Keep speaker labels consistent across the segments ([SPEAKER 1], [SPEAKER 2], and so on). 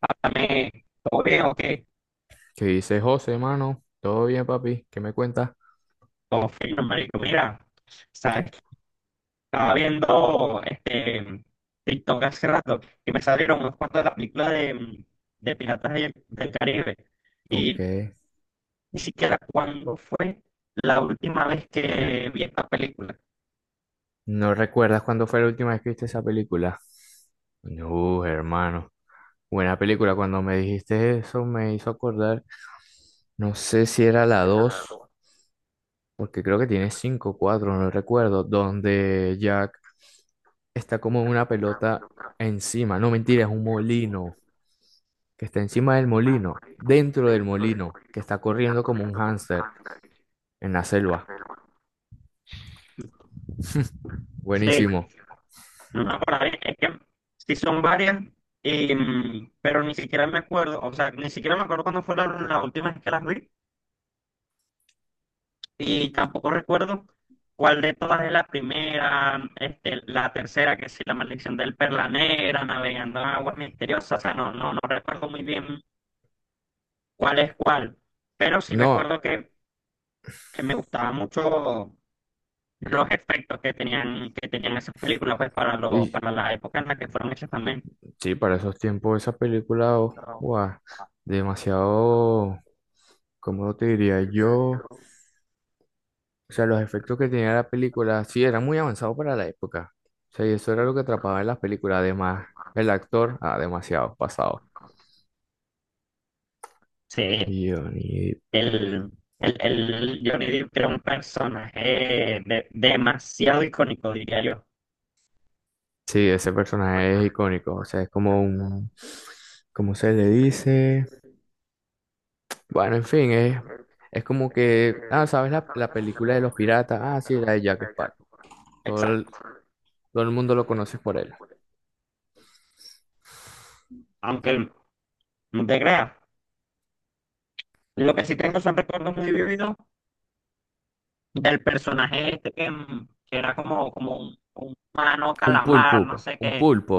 [SPEAKER 1] Háblame, ¿todo bien o qué?
[SPEAKER 2] ¿Qué dice José, hermano? ¿Todo bien, papi? ¿Qué me cuentas?
[SPEAKER 1] Todo fino, marico. Mira, sabes estaba viendo TikTok hace rato y me salieron unos cuantos de la película de Piratas del Caribe.
[SPEAKER 2] Ok.
[SPEAKER 1] Y ni siquiera cuándo fue la última vez que vi esta película.
[SPEAKER 2] ¿No recuerdas cuándo fue la última vez que viste esa película? No, hermano. Buena película. Cuando me dijiste eso me hizo acordar. No sé si era la 2 porque creo que tiene 5 o 4, no recuerdo. Donde Jack está como en una pelota encima. No, mentira, es un molino. Que está encima del molino. Dentro del molino. Que está corriendo como un hámster en la selva.
[SPEAKER 1] Sí,
[SPEAKER 2] Buenísimo.
[SPEAKER 1] no me acuerdo. Es que sí son varias, pero ni siquiera me acuerdo. O sea, ni siquiera me acuerdo cuándo fue la última vez que las vi. Y tampoco recuerdo cuál de todas es la primera, la tercera, que sí, la maldición del Perla Negra, navegando en aguas misteriosas, o sea, no recuerdo muy bien cuál es cuál, pero sí
[SPEAKER 2] No,
[SPEAKER 1] recuerdo que me gustaban mucho los efectos que tenían esas películas, pues, para
[SPEAKER 2] y
[SPEAKER 1] para la época en la que fueron hechas también.
[SPEAKER 2] sí, para esos tiempos esa película, oh,
[SPEAKER 1] Pero
[SPEAKER 2] guau, demasiado, ¿cómo te diría yo? O sea, los efectos que tenía la película, sí, eran muy avanzados para la época. O sea, y eso era lo que atrapaba en las películas. Además, el actor, ah, demasiado pasado.
[SPEAKER 1] sí,
[SPEAKER 2] Y, yo, y-
[SPEAKER 1] el, el Johnny Depp era un personaje de- demasiado icónico, diría yo.
[SPEAKER 2] sí, ese personaje es icónico. O sea, es como un, ¿cómo se le dice? Bueno, en fin, es como que, ah, ¿sabes la película de los piratas? Ah, sí, la de Jack Sparrow. Todo el-
[SPEAKER 1] Exacto.
[SPEAKER 2] Todo el mundo lo conoce por él.
[SPEAKER 1] Aunque no te creas, lo que sí tengo son recuerdos muy vividos del personaje este que era como, como un humano
[SPEAKER 2] Un pulpo,
[SPEAKER 1] calamar,
[SPEAKER 2] po,
[SPEAKER 1] no sé
[SPEAKER 2] un
[SPEAKER 1] qué.
[SPEAKER 2] pulpo.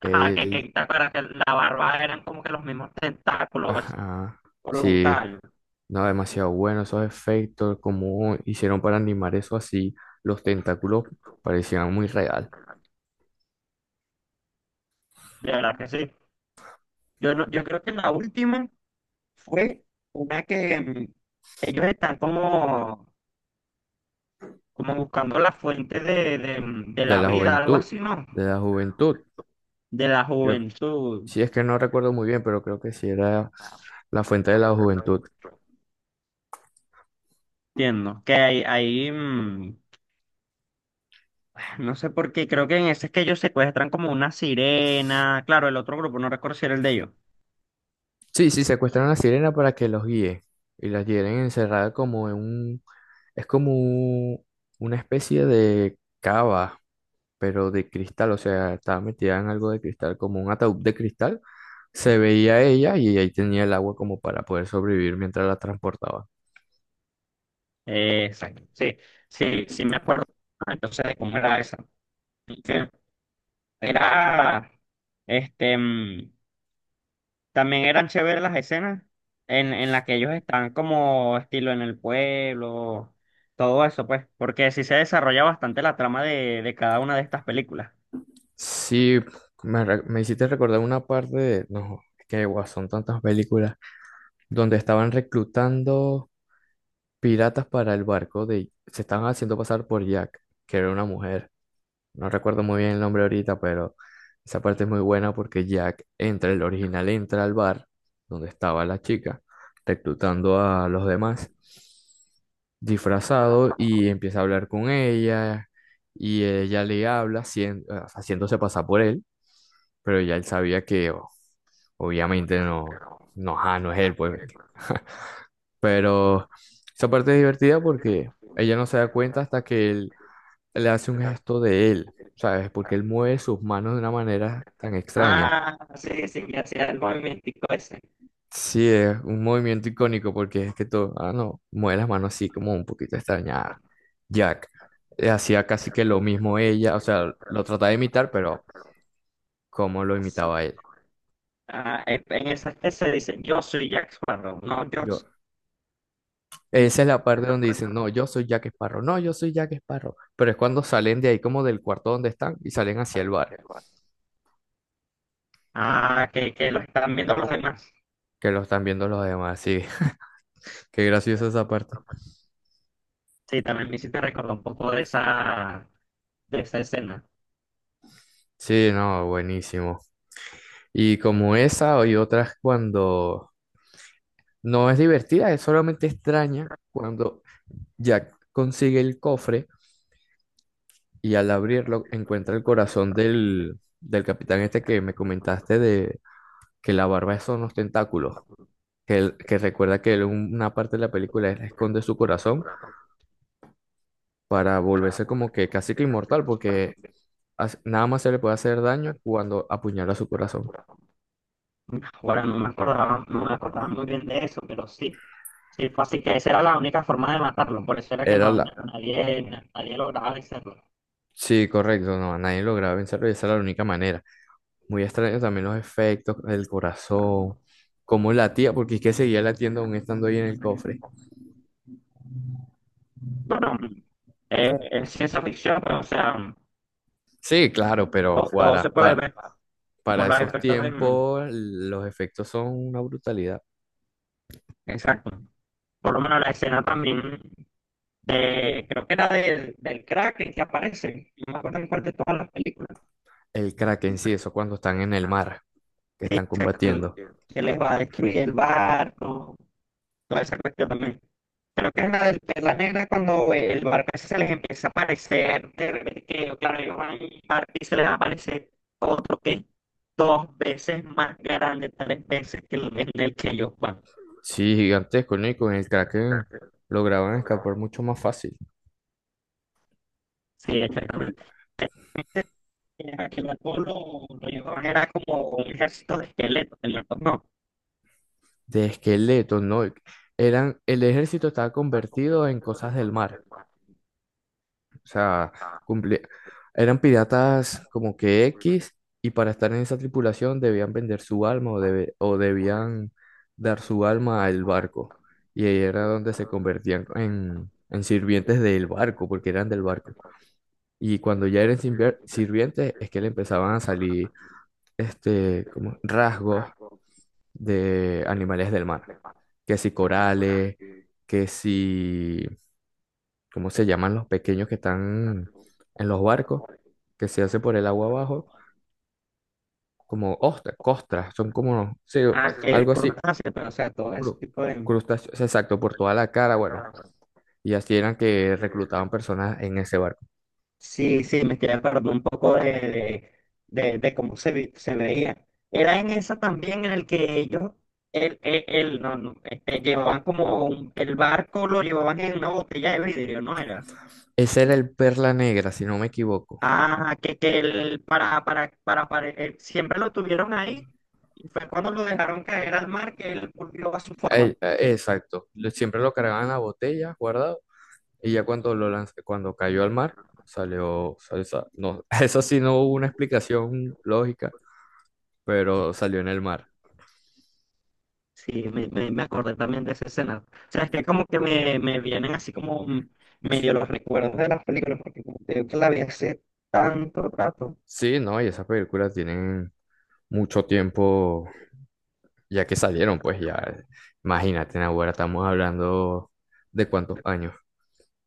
[SPEAKER 1] Ajá,
[SPEAKER 2] El,
[SPEAKER 1] que te acuerdas que la barba eran como que los mismos tentáculos,
[SPEAKER 2] ajá, sí,
[SPEAKER 1] brutal.
[SPEAKER 2] no, demasiado bueno esos efectos, como hicieron para animar eso así, los tentáculos parecían muy real.
[SPEAKER 1] De verdad que sí. Yo, no- Yo creo que la última fue una que ellos están como, como buscando la fuente de
[SPEAKER 2] De
[SPEAKER 1] la
[SPEAKER 2] la
[SPEAKER 1] vida, algo
[SPEAKER 2] juventud,
[SPEAKER 1] así, ¿no?
[SPEAKER 2] de la juventud,
[SPEAKER 1] De la
[SPEAKER 2] creo,
[SPEAKER 1] juventud.
[SPEAKER 2] sí es que no recuerdo muy bien, pero creo que sí era la fuente de la juventud.
[SPEAKER 1] Entiendo. Que ahí, ahí, mm, No sé por qué, creo que en ese es que ellos secuestran como una sirena. Claro, el otro grupo, no recuerdo si era el de ellos.
[SPEAKER 2] Sí, sí, secuestran a la sirena para que los guíe y las tienen encerrada como en un, es como una especie de cava pero de cristal, o sea, estaba metida en algo de cristal, como un ataúd de cristal. Se veía ella y ahí tenía el agua como para poder sobrevivir mientras la transportaba.
[SPEAKER 1] Exacto. Sí, sí me acuerdo. Entonces, de cómo era esa. Que Era, este, mm, También eran chéveres las escenas en las que ellos están como estilo en el pueblo, todo eso, pues, porque sí se desarrolla bastante la trama de cada una de estas películas.
[SPEAKER 2] Sí, me hiciste recordar una parte de, no, es que guau, son tantas películas, donde estaban reclutando piratas para el barco de, se estaban haciendo pasar por Jack, que era una mujer. No recuerdo muy bien el nombre ahorita, pero esa parte es muy buena porque Jack entra, el original entra al bar donde estaba la chica, reclutando a los demás, disfrazado y empieza a hablar con ella y ella le habla haciéndose pasar por él, pero ya él sabía que obviamente
[SPEAKER 1] Obviamente,
[SPEAKER 2] no,
[SPEAKER 1] no,
[SPEAKER 2] no, ajá, no es él, pues. Pero esa parte es divertida porque ella no se da cuenta
[SPEAKER 1] pero-
[SPEAKER 2] hasta que él le hace un gesto de él, ¿sabes? Porque él mueve sus manos de una manera tan extraña.
[SPEAKER 1] Ah, sí, sí, que hacía el movimiento ese.
[SPEAKER 2] Sí, es un movimiento icónico porque es que todo, ah, no, mueve las manos así como un poquito extraña. Jack hacía casi que lo mismo ella, o sea, lo trataba de imitar, pero como lo imitaba él.
[SPEAKER 1] Ah, en esas que se dicen, yo soy Jack Sparrow, no yo
[SPEAKER 2] Yo,
[SPEAKER 1] soy.
[SPEAKER 2] esa es la parte donde dicen, no, yo soy Jack Sparrow, no, yo soy Jack Sparrow. Pero es cuando salen de ahí como del cuarto donde están y salen hacia el
[SPEAKER 1] Gabriel
[SPEAKER 2] bar,
[SPEAKER 1] Figueroa. Ah, que lo están viendo los demás.
[SPEAKER 2] que lo están viendo los demás, sí, qué graciosa esa parte.
[SPEAKER 1] Sí, también me hiciste recordar un poco de esa escena.
[SPEAKER 2] Sí, no, buenísimo. Y como esa, hay otras cuando no es divertida, es solamente extraña cuando Jack consigue el cofre y al abrirlo encuentra el corazón del capitán este que me comentaste de que la barba son los tentáculos, que, que recuerda que él en una parte de la película él esconde su corazón para volverse como que casi que inmortal porque nada más se le puede hacer daño cuando apuñala su corazón.
[SPEAKER 1] Ahora no me acordaba, no me acordaba muy bien de eso, pero sí. Sí, fue así que esa era la única forma de matarlo, por eso era que
[SPEAKER 2] Era la...
[SPEAKER 1] nadie, nadie lograba vencerlo.
[SPEAKER 2] Sí, correcto, no, nadie lograba vencerlo y esa era la única manera. Muy extraño también los efectos, el corazón, cómo latía, porque es que seguía latiendo aún estando ahí en el cofre.
[SPEAKER 1] Bueno, es ciencia ficción, pero, o sea,
[SPEAKER 2] Sí, claro, pero
[SPEAKER 1] to- todo, se puede ver, como
[SPEAKER 2] para
[SPEAKER 1] los
[SPEAKER 2] esos
[SPEAKER 1] efectos de...
[SPEAKER 2] tiempos los efectos son una brutalidad.
[SPEAKER 1] Exacto. Por lo menos la escena también de- creo que era del Kraken que aparece, no me acuerdo en cuál de todas las películas,
[SPEAKER 2] El Kraken, sí, eso cuando están en el mar, que están combatiendo.
[SPEAKER 1] que les va a destruir el barco, toda esa cuestión también. Creo que es la de la Negra cuando el barco ese se les empieza a aparecer, de repente claro, ellos van y parte y se les aparece otro que es dos veces más grande, tres veces que el en el que ellos van.
[SPEAKER 2] Sí, gigantesco, ¿no? Y con el Kraken lograban escapar mucho más fácil.
[SPEAKER 1] Sí, exactamente. Este, aquel barco lo llevaban, era como un ejército de esqueletos, el barco no.
[SPEAKER 2] De esqueletos, ¿no? Eran, el ejército estaba convertido en cosas del mar. O sea, cumple- eran piratas como que X y para estar en esa tripulación debían vender su alma o, o debían dar su alma al barco. Y ahí era donde se convertían en sirvientes del barco, porque eran del barco. Y cuando ya eran sirvientes es que le empezaban a salir este, como rasgos de animales del mar. Que si corales, que si ¿cómo se llaman los pequeños que están en los barcos? Que se hace por el agua abajo, como ostras, costras, son como, sí,
[SPEAKER 1] Ah, que
[SPEAKER 2] algo así,
[SPEAKER 1] crustáceos, pero o sea, todo ese
[SPEAKER 2] cru-
[SPEAKER 1] tipo de...
[SPEAKER 2] crustáceos, exacto, por toda la cara, bueno, y así eran que reclutaban personas en ese barco.
[SPEAKER 1] Sí, sí, me estoy de un poco de cómo se, vi- se veía. Era en esa también en el que ellos, el- no, no, este, llevaban como un- el barco, lo llevaban en una botella de vidrio, ¿no era?
[SPEAKER 2] Ese era el Perla Negra, si no me equivoco.
[SPEAKER 1] Ah, que el, para- siempre lo tuvieron ahí y fue cuando lo dejaron caer al mar que él volvió a su forma.
[SPEAKER 2] El- Exacto, lo- siempre lo cargaban en la botella, guardado, y ya cuando cuando cayó al mar, salió esa- no, eso sí no hubo una explicación lógica, pero salió en el mar.
[SPEAKER 1] Sí, me acordé también de esa escena. O sea, es que como que me vienen así como medio los recuerdos de las películas, porque como te digo que la vi hace tanto rato,
[SPEAKER 2] Sí, no, y esas películas tienen mucho tiempo ya que salieron, pues ya, imagínate, ahora estamos hablando de cuántos años,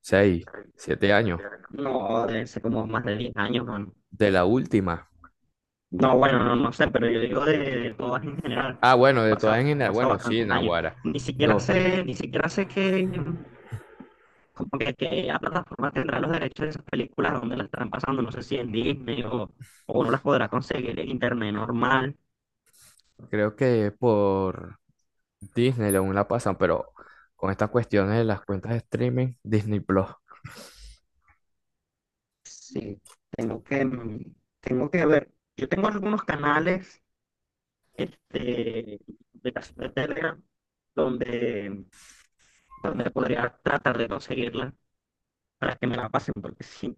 [SPEAKER 2] 6, 7 años,
[SPEAKER 1] no, debe ser como más de 10 años, mano.
[SPEAKER 2] de la última.
[SPEAKER 1] No, bueno, no, no sé, pero yo digo de todas en general,
[SPEAKER 2] Ah, bueno, de todas
[SPEAKER 1] pasa-
[SPEAKER 2] en
[SPEAKER 1] han
[SPEAKER 2] general,
[SPEAKER 1] pasado
[SPEAKER 2] bueno, sí,
[SPEAKER 1] bastantes años.
[SPEAKER 2] Naguará,
[SPEAKER 1] Ni siquiera
[SPEAKER 2] dos.
[SPEAKER 1] sé, como que la plataforma tendrá los derechos de esas películas donde las están pasando, no sé si en Disney o uno las podrá conseguir en internet normal.
[SPEAKER 2] Creo que por Disney aún la pasan, pero con estas cuestiones de las cuentas de streaming, Disney Plus,
[SPEAKER 1] Sí, tengo que, mm, tengo que ver. Yo tengo algunos canales este, de, cas- de Telegram donde, donde podría tratar de conseguirla para que me la pasen, porque sí,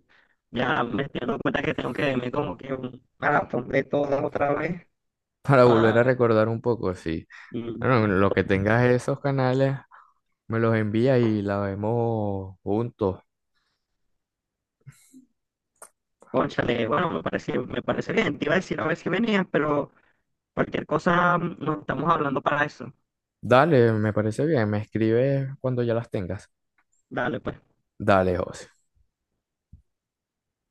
[SPEAKER 1] ya me estoy dando cuenta que tengo que verme como que un maratón de todo otra vez.
[SPEAKER 2] para volver
[SPEAKER 1] Ah,
[SPEAKER 2] a recordar un poco, sí.
[SPEAKER 1] y,
[SPEAKER 2] Bueno, lo que tengas esos canales, me los envía y la vemos juntos.
[SPEAKER 1] cónchale, bueno, me parece bien. Te iba a decir a ver si venías, pero cualquier cosa nos estamos hablando para eso.
[SPEAKER 2] Dale, me parece bien. Me escribes cuando ya las tengas.
[SPEAKER 1] Dale, pues.
[SPEAKER 2] Dale, José.